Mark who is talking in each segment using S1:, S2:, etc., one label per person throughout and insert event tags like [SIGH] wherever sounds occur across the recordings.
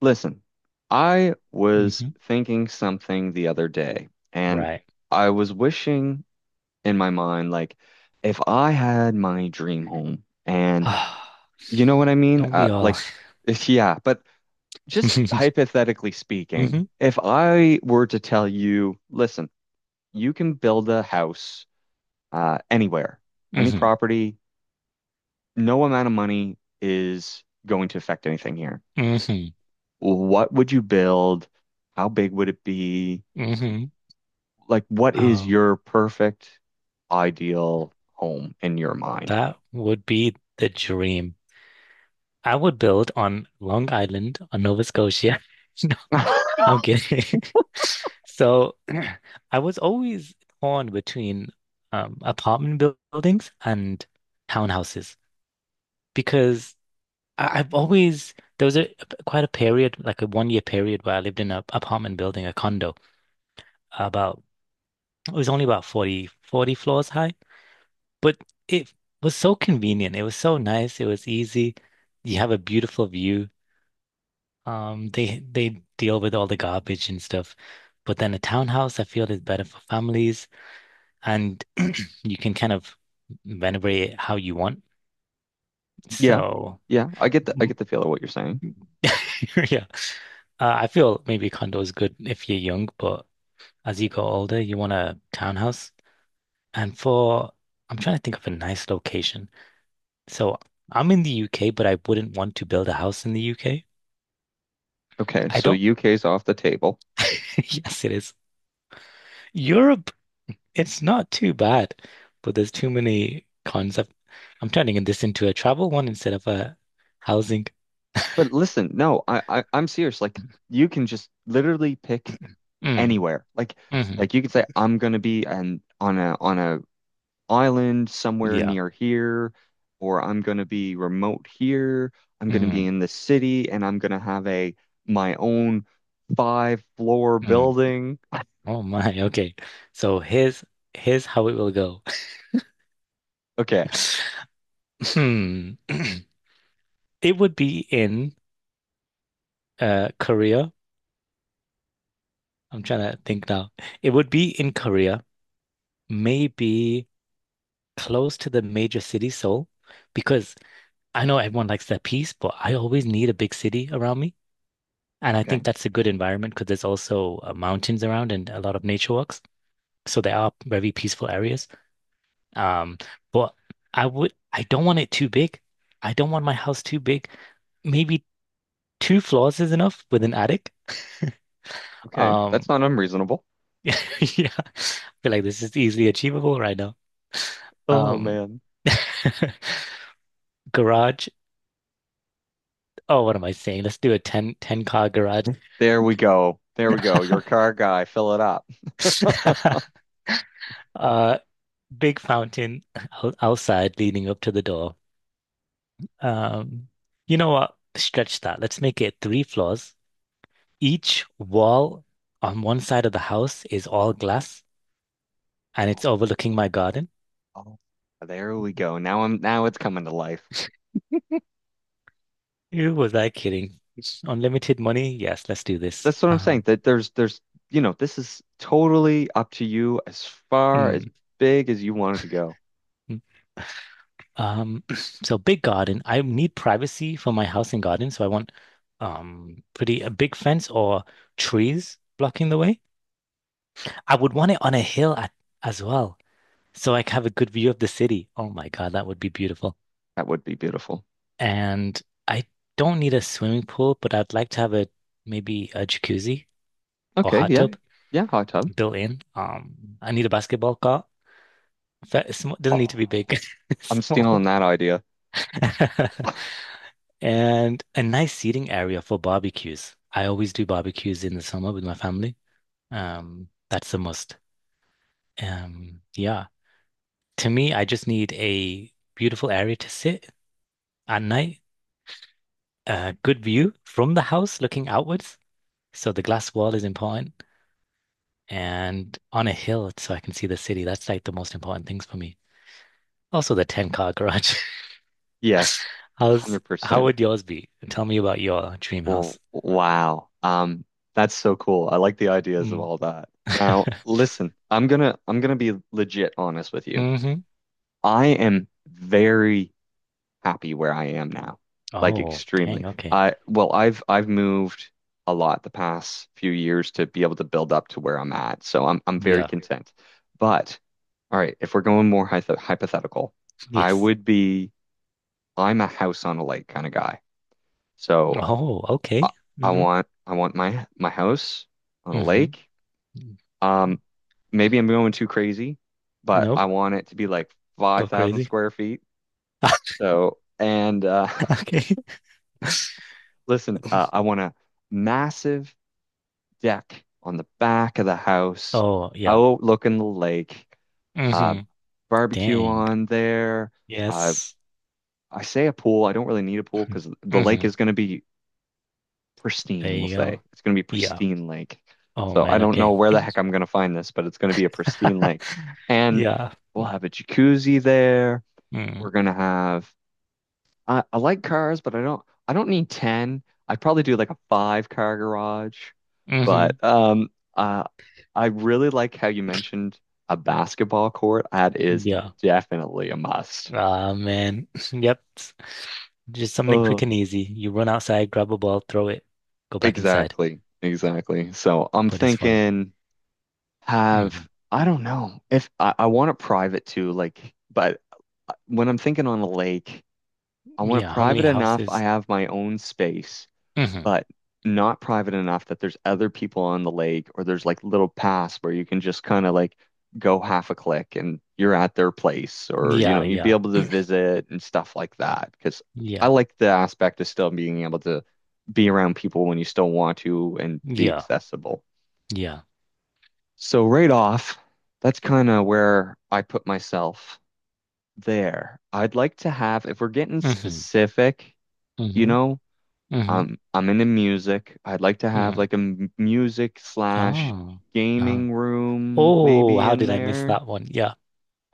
S1: Listen, I was
S2: Hmm.
S1: thinking something the other day, and
S2: Right.
S1: I was wishing in my mind, like, if I had my dream home,
S2: [SIGHS]
S1: and
S2: Don't
S1: you know what I mean?
S2: we all?
S1: [LAUGHS] If, yeah, but just
S2: [LAUGHS] Hmm.
S1: hypothetically speaking, if I were to tell you, listen, you can build a house anywhere, any
S2: Hmm.
S1: property, no amount of money is going to affect anything here.
S2: Hmm.
S1: What would you build? How big would it be?
S2: Hmm.
S1: Like what is
S2: Oh,
S1: your perfect ideal home in your mind?
S2: that would be the dream. I would build on Long Island, on Nova Scotia. [LAUGHS] No,
S1: [LAUGHS]
S2: I'm kidding. [LAUGHS] So, [CLEARS THROAT] I was always torn between buildings and townhouses because I I've always there was a quite a period, like a one year period, where I lived in an apartment building, a condo, about it was only about forty floors high, but it was so convenient. It was so nice. It was easy. You have a beautiful view. They deal with all the garbage and stuff. But then a townhouse, I feel, is better for families and [CLEARS THROAT] you can kind of renovate it how you want.
S1: Yeah.
S2: So,
S1: Yeah, I
S2: mm,
S1: get the feel of what you're saying.
S2: [LAUGHS] yeah, I feel maybe condo is good if you're young, but as you go older, you want a townhouse. And for, I'm trying to think of a nice location. So I'm in the UK, but I wouldn't want to build a house in the UK.
S1: Okay,
S2: I
S1: so
S2: don't.
S1: UK's off the table.
S2: [LAUGHS] Yes, it is. Europe, it's not too bad, but there's too many cons. I'm turning this into a travel one instead of a housing.
S1: But listen, no, I'm serious. Like you can just literally pick
S2: Mm,
S1: anywhere.
S2: hmm,
S1: Like you could say I'm gonna be an on a island somewhere
S2: yeah.
S1: near here, or I'm gonna be remote here. I'm gonna be
S2: Mm,
S1: in the city, and I'm gonna have a my own five floor
S2: mm.
S1: building. [LAUGHS]
S2: Oh my. Okay. So here's how it will go.
S1: Okay.
S2: [LAUGHS] Hmm. [CLEARS THROAT] It would be in Korea. I'm trying to think now. It would be in Korea, maybe, close to the major city, Seoul, because I know everyone likes that peace, but I always need a big city around me. And I think
S1: Okay.
S2: that's a good environment because there's also mountains around and a lot of nature walks. So there are very peaceful areas. Um, but I don't want it too big. I don't want my house too big. Maybe two floors is enough with an attic. [LAUGHS]
S1: Okay.
S2: Um,
S1: That's not unreasonable.
S2: [LAUGHS] yeah, I feel like this is easily achievable right now.
S1: Oh
S2: Um,
S1: man.
S2: [LAUGHS] garage Oh, what am I saying? Let's do a ten car garage.
S1: There we go. There we go. Your car guy, fill it up. [LAUGHS]
S2: [LAUGHS] Uh, big fountain outside leading up to the door. Um, you know what? Stretch that. Let's make it three floors. Each wall on one side of the house is all glass and it's
S1: Oh,
S2: overlooking my garden.
S1: oh, there we go. Now it's coming to life.
S2: Who was I kidding? It's unlimited money? Yes, let's do this.
S1: That's what I'm saying.
S2: Um,
S1: That there's you know, this is totally up to you as far as
S2: mm,
S1: big as you wanted to go.
S2: mm. Um, [CLEARS THROAT] so big garden. I need privacy for my house and garden, so I want pretty a big fence or trees blocking the way. I would want it on a hill at, as well, so I can have a good view of the city. Oh my God, that would be beautiful.
S1: That would be beautiful.
S2: And I don't need a swimming pool, but I'd like to have a maybe a jacuzzi or
S1: Okay,
S2: hot
S1: yeah.
S2: tub
S1: Yeah, hot tub.
S2: built in. I need a basketball court.
S1: [GASPS]
S2: Doesn't
S1: Oh,
S2: need to be big, [LAUGHS]
S1: I'm
S2: small.
S1: stealing that idea.
S2: [LAUGHS]
S1: [LAUGHS]
S2: And a nice seating area for barbecues. I always do barbecues in the summer with my family. That's the must. Yeah. To me, I just need a beautiful area to sit at night, a good view from the house looking outwards. So the glass wall is important, and on a hill so I can see the city. That's like the most important things for me. Also, the 10 car garage.
S1: Yes,
S2: [LAUGHS] How
S1: 100%.
S2: would yours be? Tell me about your dream
S1: Well,
S2: house.
S1: wow. That's so cool. I like the ideas of
S2: Mm.
S1: all that. Now,
S2: [LAUGHS]
S1: listen, I'm gonna be legit honest with you.
S2: Hmm.
S1: I am very happy where I am now. Like
S2: Oh,
S1: extremely.
S2: dang. Okay.
S1: I well, I've moved a lot the past few years to be able to build up to where I'm at. So I'm very
S2: Yeah.
S1: content. But all right, if we're going more hypothetical, I
S2: Yes.
S1: would be I'm a house on a lake kind of guy. So
S2: Oh,
S1: I,
S2: okay. Mm-hmm.
S1: I want my house on a
S2: Mm-hmm.
S1: lake. Um, maybe I'm going too crazy, but
S2: Nope.
S1: I want it to be like
S2: Go
S1: 5,000
S2: crazy.
S1: square feet.
S2: [LAUGHS]
S1: So, and
S2: Okay.
S1: [LAUGHS] listen, I want a massive deck on the back of the house,
S2: Oh, yeah.
S1: overlooking the lake, uh,
S2: Mm-hmm.
S1: barbecue
S2: Dang.
S1: on there. Uh,
S2: Yes.
S1: I say a pool. I don't really need a pool because the lake
S2: Mm-hmm.
S1: is going to be
S2: There
S1: pristine, we'll
S2: you
S1: say.
S2: go.
S1: It's going to be
S2: Yeah.
S1: pristine lake.
S2: Oh
S1: So I
S2: man,
S1: don't know
S2: okay.
S1: where the heck I'm going to find this, but it's going to be a pristine lake.
S2: [LAUGHS]
S1: And
S2: Yeah.
S1: we'll have a jacuzzi there.
S2: Mm.
S1: We're going to have I like cars, but I don't need 10. I'd probably do like a five car garage. But
S2: Hmm.
S1: um uh I really like how you mentioned a basketball court. That is
S2: Yeah.
S1: definitely a must.
S2: Ah man. [LAUGHS] Yep. Just something quick
S1: Oh,
S2: and easy. You run outside, grab a ball, throw it, go back inside.
S1: exactly. Exactly. So I'm
S2: But it's fun.
S1: thinking
S2: Hmm.
S1: have I don't know if I want it private too, but when I'm thinking on a lake, I want it
S2: Yeah. How many
S1: private enough I
S2: houses?
S1: have my own space,
S2: Hmm.
S1: but not private enough that there's other people on the lake or there's like little paths where you can just kind of like go half a click and you're at their place, or you
S2: Yeah,
S1: know you'd be
S2: yeah.
S1: able to visit and stuff like that because I
S2: Yeah.
S1: like the aspect of still being able to be around people when you still want to and be
S2: Yeah.
S1: accessible.
S2: Yeah.
S1: So right off, that's kind of where I put myself there. I'd like to have, if we're getting
S2: Mm-hmm.
S1: specific, you
S2: Mm-hmm.
S1: know,
S2: Mm-hmm.
S1: I'm into music. I'd like to have
S2: Mm.
S1: like a music slash
S2: Oh. Oh.
S1: gaming room
S2: Oh,
S1: maybe
S2: how
S1: in
S2: did I miss
S1: there.
S2: that one? Yeah.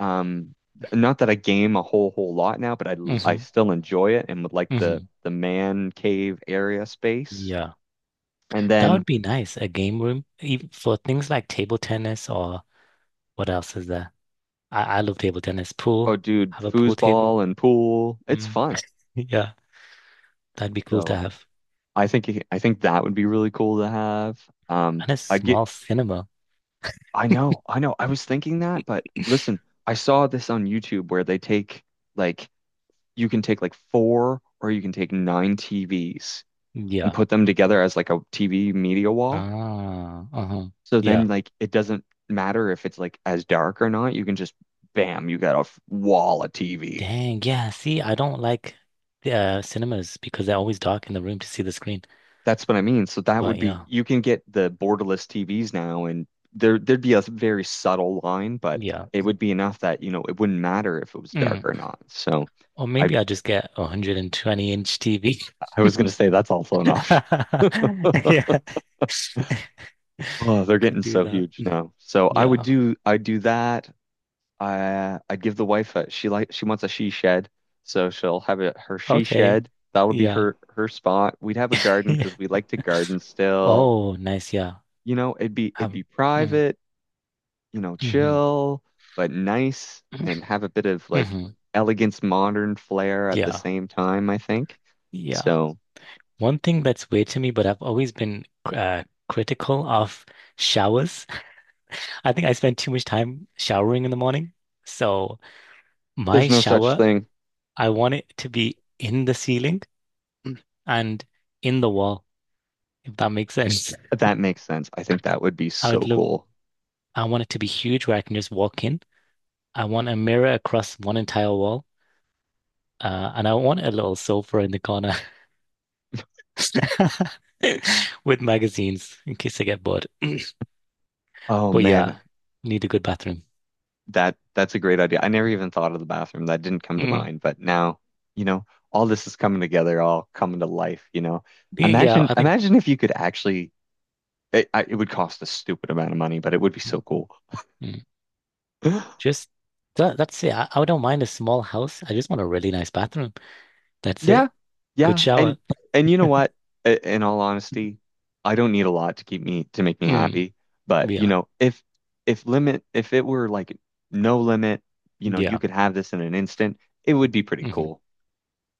S1: Um, not that I game a whole lot now, but I
S2: Mm-hmm.
S1: still enjoy it and would like the
S2: Mm-hmm.
S1: man cave area space.
S2: Yeah.
S1: And
S2: That would
S1: then,
S2: be nice. A game room even for things like table tennis or what else is there? I love table tennis. Pool.
S1: oh dude,
S2: Have a pool table.
S1: foosball and pool, it's
S2: Mm.
S1: fun.
S2: [LAUGHS] Yeah. That'd be cool to
S1: So.
S2: have.
S1: I think that would be really cool to have.
S2: And a
S1: I'd get
S2: small cinema.
S1: I know, I know. I was thinking that, but listen, I saw this on YouTube where they take like you can take like four or you can take nine TVs and
S2: Yeah.
S1: put them together as like a TV media wall.
S2: Ah. Uh-huh.
S1: So
S2: Yeah.
S1: then like it doesn't matter if it's like as dark or not. You can just bam, you got a wall of TV.
S2: Dang, yeah. See, I don't like cinemas because they're always dark in the room to see the screen.
S1: That's what I mean. So that would
S2: But
S1: be
S2: yeah,
S1: you can get the borderless TVs now, and there'd be a very subtle line, but
S2: yeah.
S1: it would be enough that, you know, it wouldn't matter if it was dark
S2: Mm.
S1: or not. So
S2: Or
S1: I
S2: maybe I just get a 120 inch TV.
S1: I was gonna say that's also an option. [LAUGHS]
S2: [LAUGHS] Yeah.
S1: Oh,
S2: [LAUGHS]
S1: they're
S2: Could
S1: getting
S2: do
S1: so
S2: that.
S1: huge
S2: Mm.
S1: now. So
S2: Yeah.
S1: I'd do that. I I'd give the wife a she like she wants a she shed, so she'll have a her she
S2: Okay.
S1: shed. That would be
S2: Yeah.
S1: her spot. We'd have a garden because we
S2: [LAUGHS]
S1: like to garden still.
S2: Oh, nice. Yeah.
S1: You know, it'd be
S2: Um, mm,
S1: private. You know,
S2: hmm.
S1: chill but nice and have a bit of like
S2: Hmm.
S1: elegance modern flair
S2: [CLEARS THROAT]
S1: at the
S2: Yeah.
S1: same time, I think.
S2: Yeah.
S1: So
S2: One thing that's weird to me, but I've always been critical of showers. I think I spend too much time showering in the morning. So my
S1: there's no such
S2: shower,
S1: thing.
S2: I want it to be in the ceiling and in the wall, if that makes sense.
S1: That makes sense. I think that would be
S2: I would
S1: so
S2: love,
S1: cool.
S2: I want it to be huge where I can just walk in. I want a mirror across one entire wall. And I want a little sofa in the corner [LAUGHS] with magazines in case I get bored.
S1: Oh
S2: But yeah,
S1: man,
S2: need a good bathroom.
S1: that that's a great idea. I never even thought of the bathroom. That didn't come to
S2: Mm,
S1: mind, but now, you know, all this is coming together, all coming to life, you know.
S2: yeah, I think
S1: Imagine if you could actually it would cost a stupid amount of money, but it would be so
S2: mm,
S1: cool.
S2: mm,
S1: [LAUGHS] [GASPS]
S2: just that's it. I don't mind a small house. I just want a really nice bathroom. That's
S1: Yeah,
S2: it. Good
S1: yeah,
S2: shower.
S1: and you know what? In all honesty, I don't need a lot to make me
S2: Mm.
S1: happy. But you
S2: Yeah.
S1: know, if limit if it were like no limit, you know, you
S2: Yeah.
S1: could have this in an instant, it would be pretty
S2: Hmm.
S1: cool.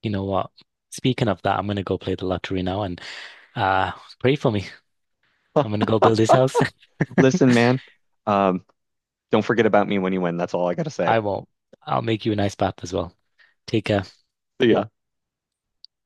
S2: You know what? Speaking of that, I'm gonna go play the lottery now and uh pray for me. I'm
S1: [LAUGHS]
S2: gonna go build this house. [LAUGHS]
S1: Listen, man, um, don't forget about me when you win. That's all I gotta say.
S2: I won't. I'll make you a nice bath as well. Take care.
S1: See ya.